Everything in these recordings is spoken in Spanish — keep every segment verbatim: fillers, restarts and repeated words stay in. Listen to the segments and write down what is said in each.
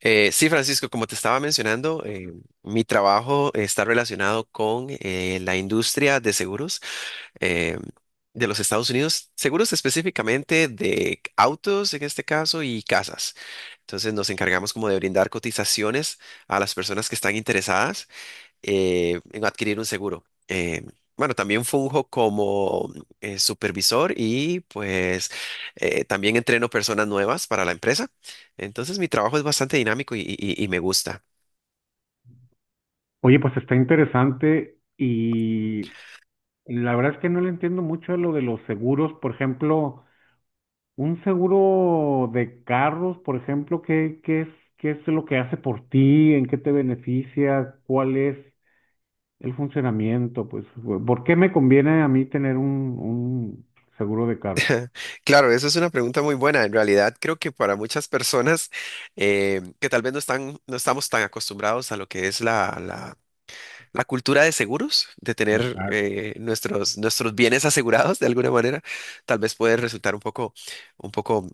Eh, sí, Francisco, como te estaba mencionando, eh, mi trabajo está relacionado con eh, la industria de seguros eh, de los Estados Unidos, seguros específicamente de autos en este caso y casas. Entonces nos encargamos como de brindar cotizaciones a las personas que están interesadas eh, en adquirir un seguro. Eh, bueno, también funjo como eh, supervisor y pues eh, también entreno personas nuevas para la empresa. Entonces mi trabajo es bastante dinámico y, y- y- me gusta. Oye, pues está interesante y la verdad es que no le entiendo mucho a lo de los seguros. Por ejemplo, un seguro de carros, por ejemplo, ¿qué, qué es, ¿qué es lo que hace por ti? ¿En qué te beneficia? ¿Cuál es el funcionamiento? Pues, ¿por qué me conviene a mí tener un, un seguro de carro? Claro, eso es una pregunta muy buena. En realidad creo que para muchas personas eh, que tal vez no están, no estamos tan acostumbrados a lo que es la, la- la cultura de seguros, de tener Exacto. eh, nuestros, nuestros bienes asegurados de alguna manera, tal vez puede resultar un poco un poco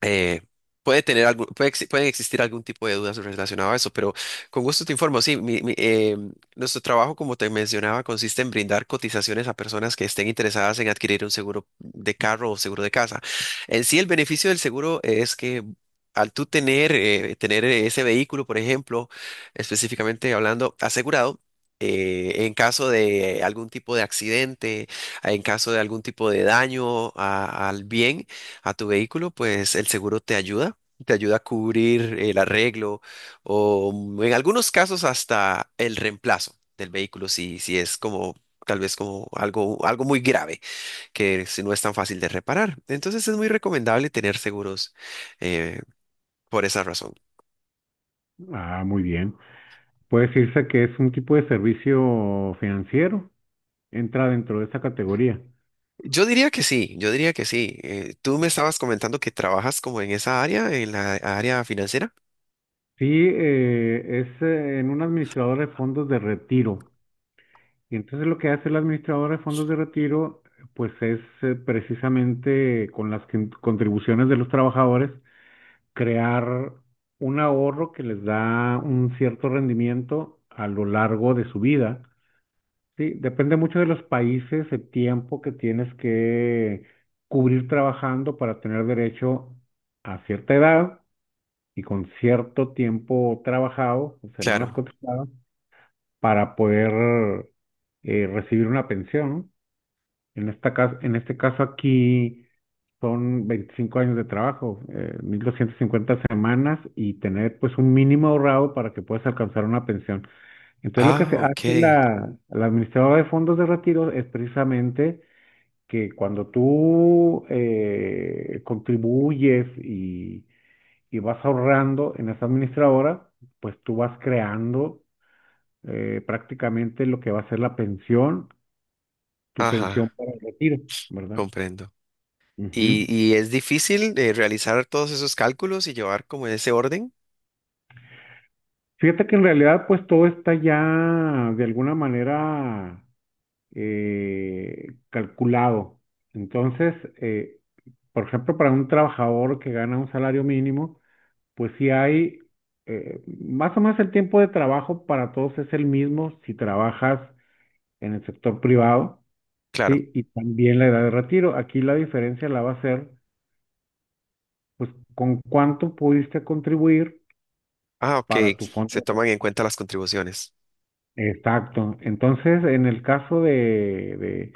eh, puede tener algún, puede exi- pueden existir algún tipo de dudas relacionado a eso, pero con gusto te informo. Sí, mi- mi, eh, nuestro trabajo, como te mencionaba, consiste en brindar cotizaciones a personas que estén interesadas en adquirir un seguro de carro o seguro de casa. En sí, el beneficio del seguro es que al tú tener, eh, tener ese vehículo, por ejemplo, específicamente hablando, asegurado, eh, en caso de algún tipo de accidente, en caso de algún tipo de daño a- al bien, a tu vehículo, pues el seguro te ayuda, te ayuda a cubrir el arreglo o mm, en algunos casos hasta el reemplazo del vehículo si, si es como tal vez como algo, algo muy grave que si no es tan fácil de reparar. Entonces es muy recomendable tener seguros eh, por esa razón. Ah, muy bien. Puede decirse que es un tipo de servicio financiero. Entra dentro de esa categoría. Yo diría que sí, yo diría que sí. Eh, tú me estabas comentando que trabajas como en esa área, en la área financiera. Sí, eh, es eh, en un administrador de fondos de retiro. Y entonces lo que hace el administrador de fondos de retiro, pues es eh, precisamente con las quin- contribuciones de los trabajadores, crear un ahorro que les da un cierto rendimiento a lo largo de su vida. Sí, depende mucho de los países, el tiempo que tienes que cubrir trabajando para tener derecho a cierta edad y con cierto tiempo trabajado, o semanas Claro. cotizadas, para poder eh, recibir una pensión, ¿no? En esta cas- en este caso aquí son veinticinco años de trabajo, eh, mil doscientas cincuenta semanas y tener pues un mínimo ahorrado para que puedas alcanzar una pensión. Entonces lo que Ah, se hace ok. la, la administradora de fondos de retiro es precisamente que cuando tú eh, contribuyes y y vas ahorrando en esa administradora, pues tú vas creando eh, prácticamente lo que va a ser la pensión, tu pensión Ajá, para el retiro, ¿verdad? comprendo. Ujú. Y, y es difícil eh, realizar todos esos cálculos y llevar como ese orden. Fíjate que en realidad pues todo está ya de alguna manera eh, calculado. Entonces, eh, por ejemplo, para un trabajador que gana un salario mínimo, pues sí hay eh, más o menos el tiempo de trabajo para todos es el mismo si trabajas en el sector privado, Claro. ¿sí? Y también la edad de retiro. Aquí la diferencia la va a ser, pues, con cuánto pudiste contribuir Ah, ok. para tu Se fondo. toman en cuenta las contribuciones. Exacto. Entonces, en el caso de, de,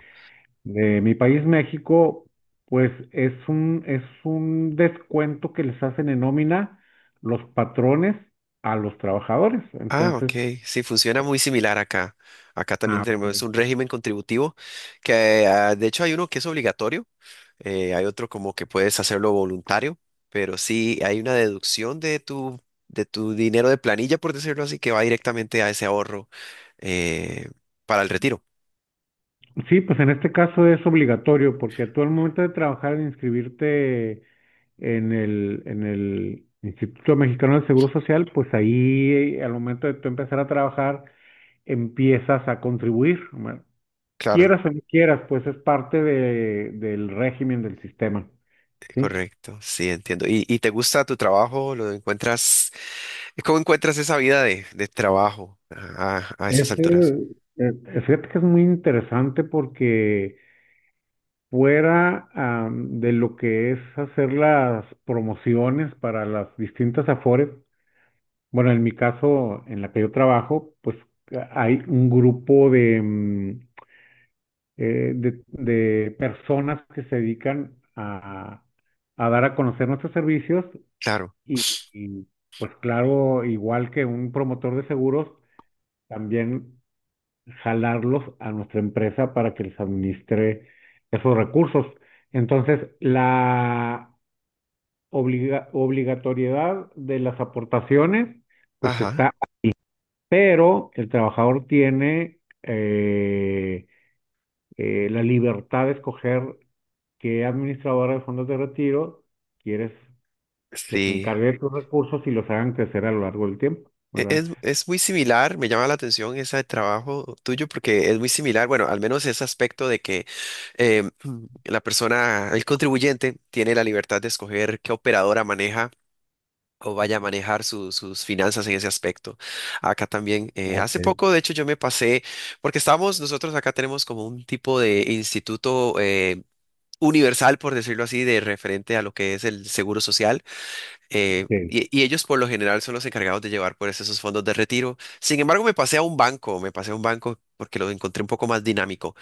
de mi país, México, pues es un, es un descuento que les hacen en nómina los patrones a los trabajadores. Ah, Entonces, ok. Sí, funciona muy similar acá. Acá también ah, tenemos ok. un régimen contributivo que ah, de hecho hay uno que es obligatorio. Eh, hay otro como que puedes hacerlo voluntario, pero sí hay una deducción de tu, de tu dinero de planilla, por decirlo así, que va directamente a ese ahorro eh, para el retiro. Sí, pues en este caso es obligatorio porque tú al momento de trabajar, de inscribirte en el, en el Instituto Mexicano del Seguro Social, pues ahí eh, al momento de tú empezar a trabajar empiezas a contribuir, ¿no? Claro. Quieras o no quieras, pues es parte de, del régimen del sistema, ¿sí? Correcto, sí, entiendo. ¿Y, y te gusta tu trabajo? ¿Lo encuentras? eh, ¿Cómo encuentras esa vida de, de trabajo a, a esas Este, alturas? eh, Fíjate que es muy interesante porque fuera am, de lo que es hacer las promociones para las distintas AFORES. Bueno, en mi caso, en la que yo trabajo, pues hay un grupo de, mm, eh, de, de personas que se dedican a, a dar a conocer nuestros servicios Claro. y, y, pues claro, igual que un promotor de seguros, también jalarlos a nuestra empresa para que les administre esos recursos. Entonces, la obliga- obligatoriedad de las aportaciones pues Ajá. está, pero el trabajador tiene eh, eh, la libertad de escoger qué administradora de fondos de retiro quieres que se Sí. encargue de tus recursos y los hagan crecer a lo largo del tiempo, E- ¿verdad? Es, es muy similar, me llama la atención ese trabajo tuyo porque es muy similar, bueno, al menos ese aspecto de que eh, la persona, el contribuyente, tiene la libertad de escoger qué operadora maneja o vaya a manejar su- sus finanzas en ese aspecto. Acá también, eh, hace Ok. poco, de hecho, yo me pasé, porque estamos, nosotros acá tenemos como un tipo de instituto eh, universal, por decirlo así, de referente a lo que es el seguro social, eh, Sí. y, y ellos por lo general son los encargados de llevar pues esos fondos de retiro. Sin embargo, me pasé a un banco, me pasé a un banco porque lo encontré un poco más dinámico.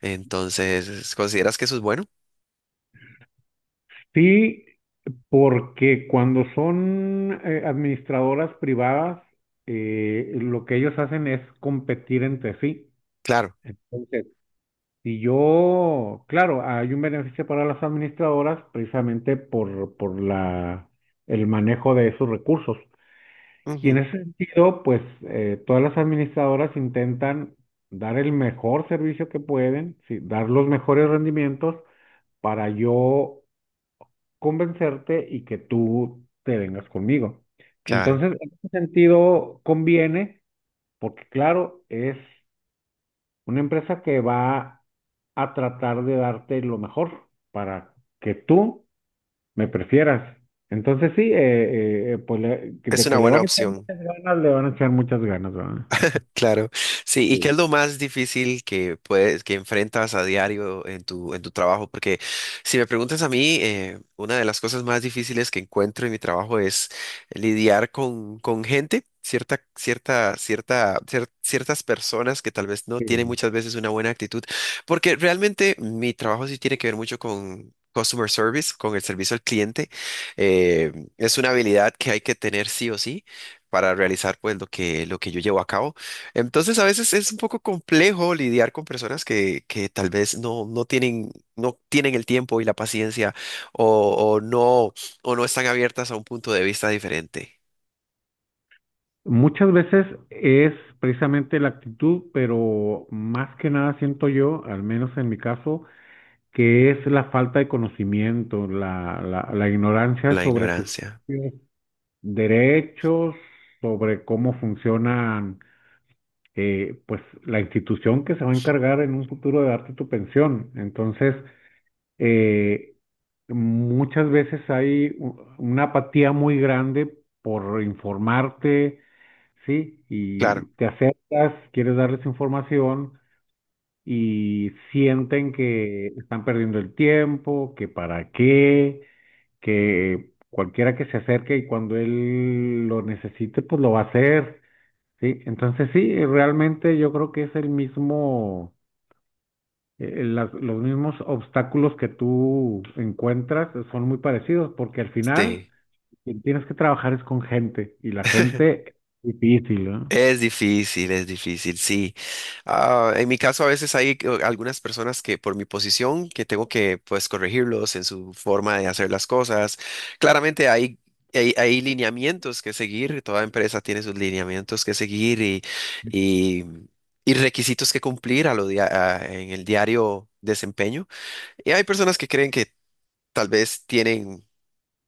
Entonces, ¿consideras que eso es bueno? Sí, porque cuando son eh, administradoras privadas, eh, lo que ellos hacen es competir entre sí. Claro, Entonces, Si yo, claro, hay un beneficio para las administradoras precisamente por, por la, el manejo de esos recursos. Y en ujú, ese sentido, pues eh, todas las administradoras intentan dar el mejor servicio que pueden, sí, dar los mejores rendimientos para yo convencerte y que tú te vengas conmigo. claro, Entonces, en ese sentido, conviene, porque claro, es una empresa que va a tratar de darte lo mejor para que tú me prefieras. Entonces sí, eh, eh, pues le- es de una que le buena van a echar opción. muchas ganas, le van a echar muchas ganas, ¿verdad? Claro, sí, ¿y qué es Sí. lo más difícil que puedes, que enfrentas a diario en tu, en tu trabajo? Porque si me preguntas a mí, eh, una de las cosas más difíciles que encuentro en mi trabajo es lidiar con, con gente, cierta, cierta, cierta, cier- ciertas personas que tal vez no tienen Sí. muchas veces una buena actitud, porque realmente mi trabajo sí tiene que ver mucho con customer service, con el servicio al cliente. Eh, es una habilidad que hay que tener sí o sí para realizar pues lo que, lo que yo llevo a cabo. Entonces, a veces es un poco complejo lidiar con personas que, que tal vez no, no tienen, no tienen el tiempo y la paciencia o, o no, o no están abiertas a un punto de vista diferente. Muchas veces es precisamente la actitud, pero más que nada siento yo, al menos en mi caso, que es la falta de conocimiento, la, la, la ignorancia La sobre sus ignorancia. propios derechos, sobre cómo funcionan eh, pues la institución que se va a encargar en un futuro de darte tu pensión. Entonces, eh, muchas veces hay u- una apatía muy grande por informarte, ¿sí? Y Claro, te acercas, quieres darles información y sienten que están perdiendo el tiempo, que para qué, que cualquiera que se acerque y cuando él lo necesite, pues lo va a hacer. Sí, entonces sí, eh, realmente yo creo que es el mismo, eh, las- los mismos obstáculos que tú encuentras eh, son muy parecidos, porque al final sí. quien tienes que trabajar es con gente y la gente es difícil, ¿no? Es difícil, es difícil, sí. Ah, en mi caso a veces hay eh, algunas personas que por mi posición que tengo que pues corregirlos en su forma de hacer las cosas. Claramente hay, hay, hay lineamientos que seguir, toda empresa tiene sus lineamientos que seguir y, y, y requisitos que cumplir a lo dia- a- en el diario desempeño. Y hay personas que creen que tal vez tienen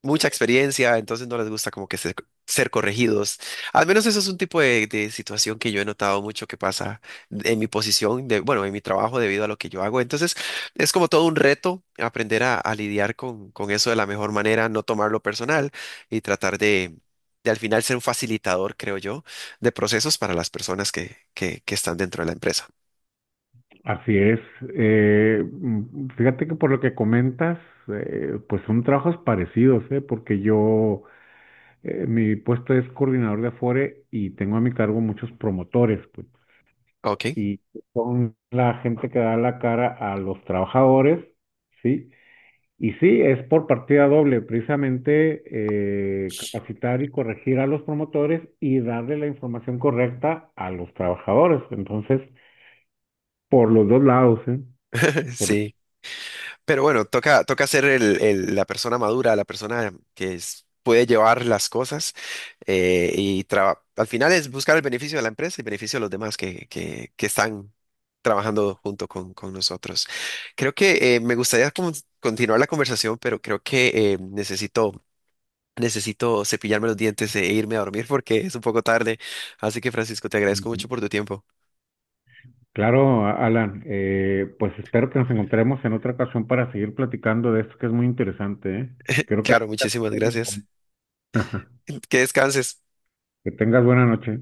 mucha experiencia, entonces no les gusta como que ser, ser corregidos. Al menos eso es un tipo de, de situación que yo he notado mucho que pasa en mi posición, de, bueno, en mi trabajo debido a lo que yo hago. Entonces es como todo un reto aprender a, a lidiar con, con eso de la mejor manera, no tomarlo personal y tratar de, de al final ser un facilitador, creo yo, de procesos para las personas que, que, que están dentro de la empresa. Así es. Eh, mm, fíjate que por lo que comentas, eh, pues son trabajos parecidos, ¿eh? Porque yo, eh, mi puesto es coordinador de Afore y tengo a mi cargo muchos promotores, pues. Ok, Y son la gente que da la cara a los trabajadores, ¿sí? Y sí, es por partida doble, precisamente eh, capacitar y corregir a los promotores y darle la información correcta a los trabajadores. Entonces, por los dos lados, ¿eh? Por- sí. Pero bueno, toca, toca ser el- el- la persona madura, la persona que es- puede llevar las cosas eh, y traba- al final es buscar el beneficio de la empresa y beneficio de los demás que, que- que están trabajando junto con, con nosotros. Creo que eh, me gustaría como continuar la conversación, pero creo que eh, necesito, necesito cepillarme los dientes e irme a dormir porque es un poco tarde. Así que Francisco, te agradezco mucho por tu tiempo. Claro, Alan, eh, pues espero que nos encontremos en otra ocasión para seguir platicando de esto que es muy interesante, ¿eh? Creo que... Claro, muchísimas gracias. Que descanses. Que tengas buena noche.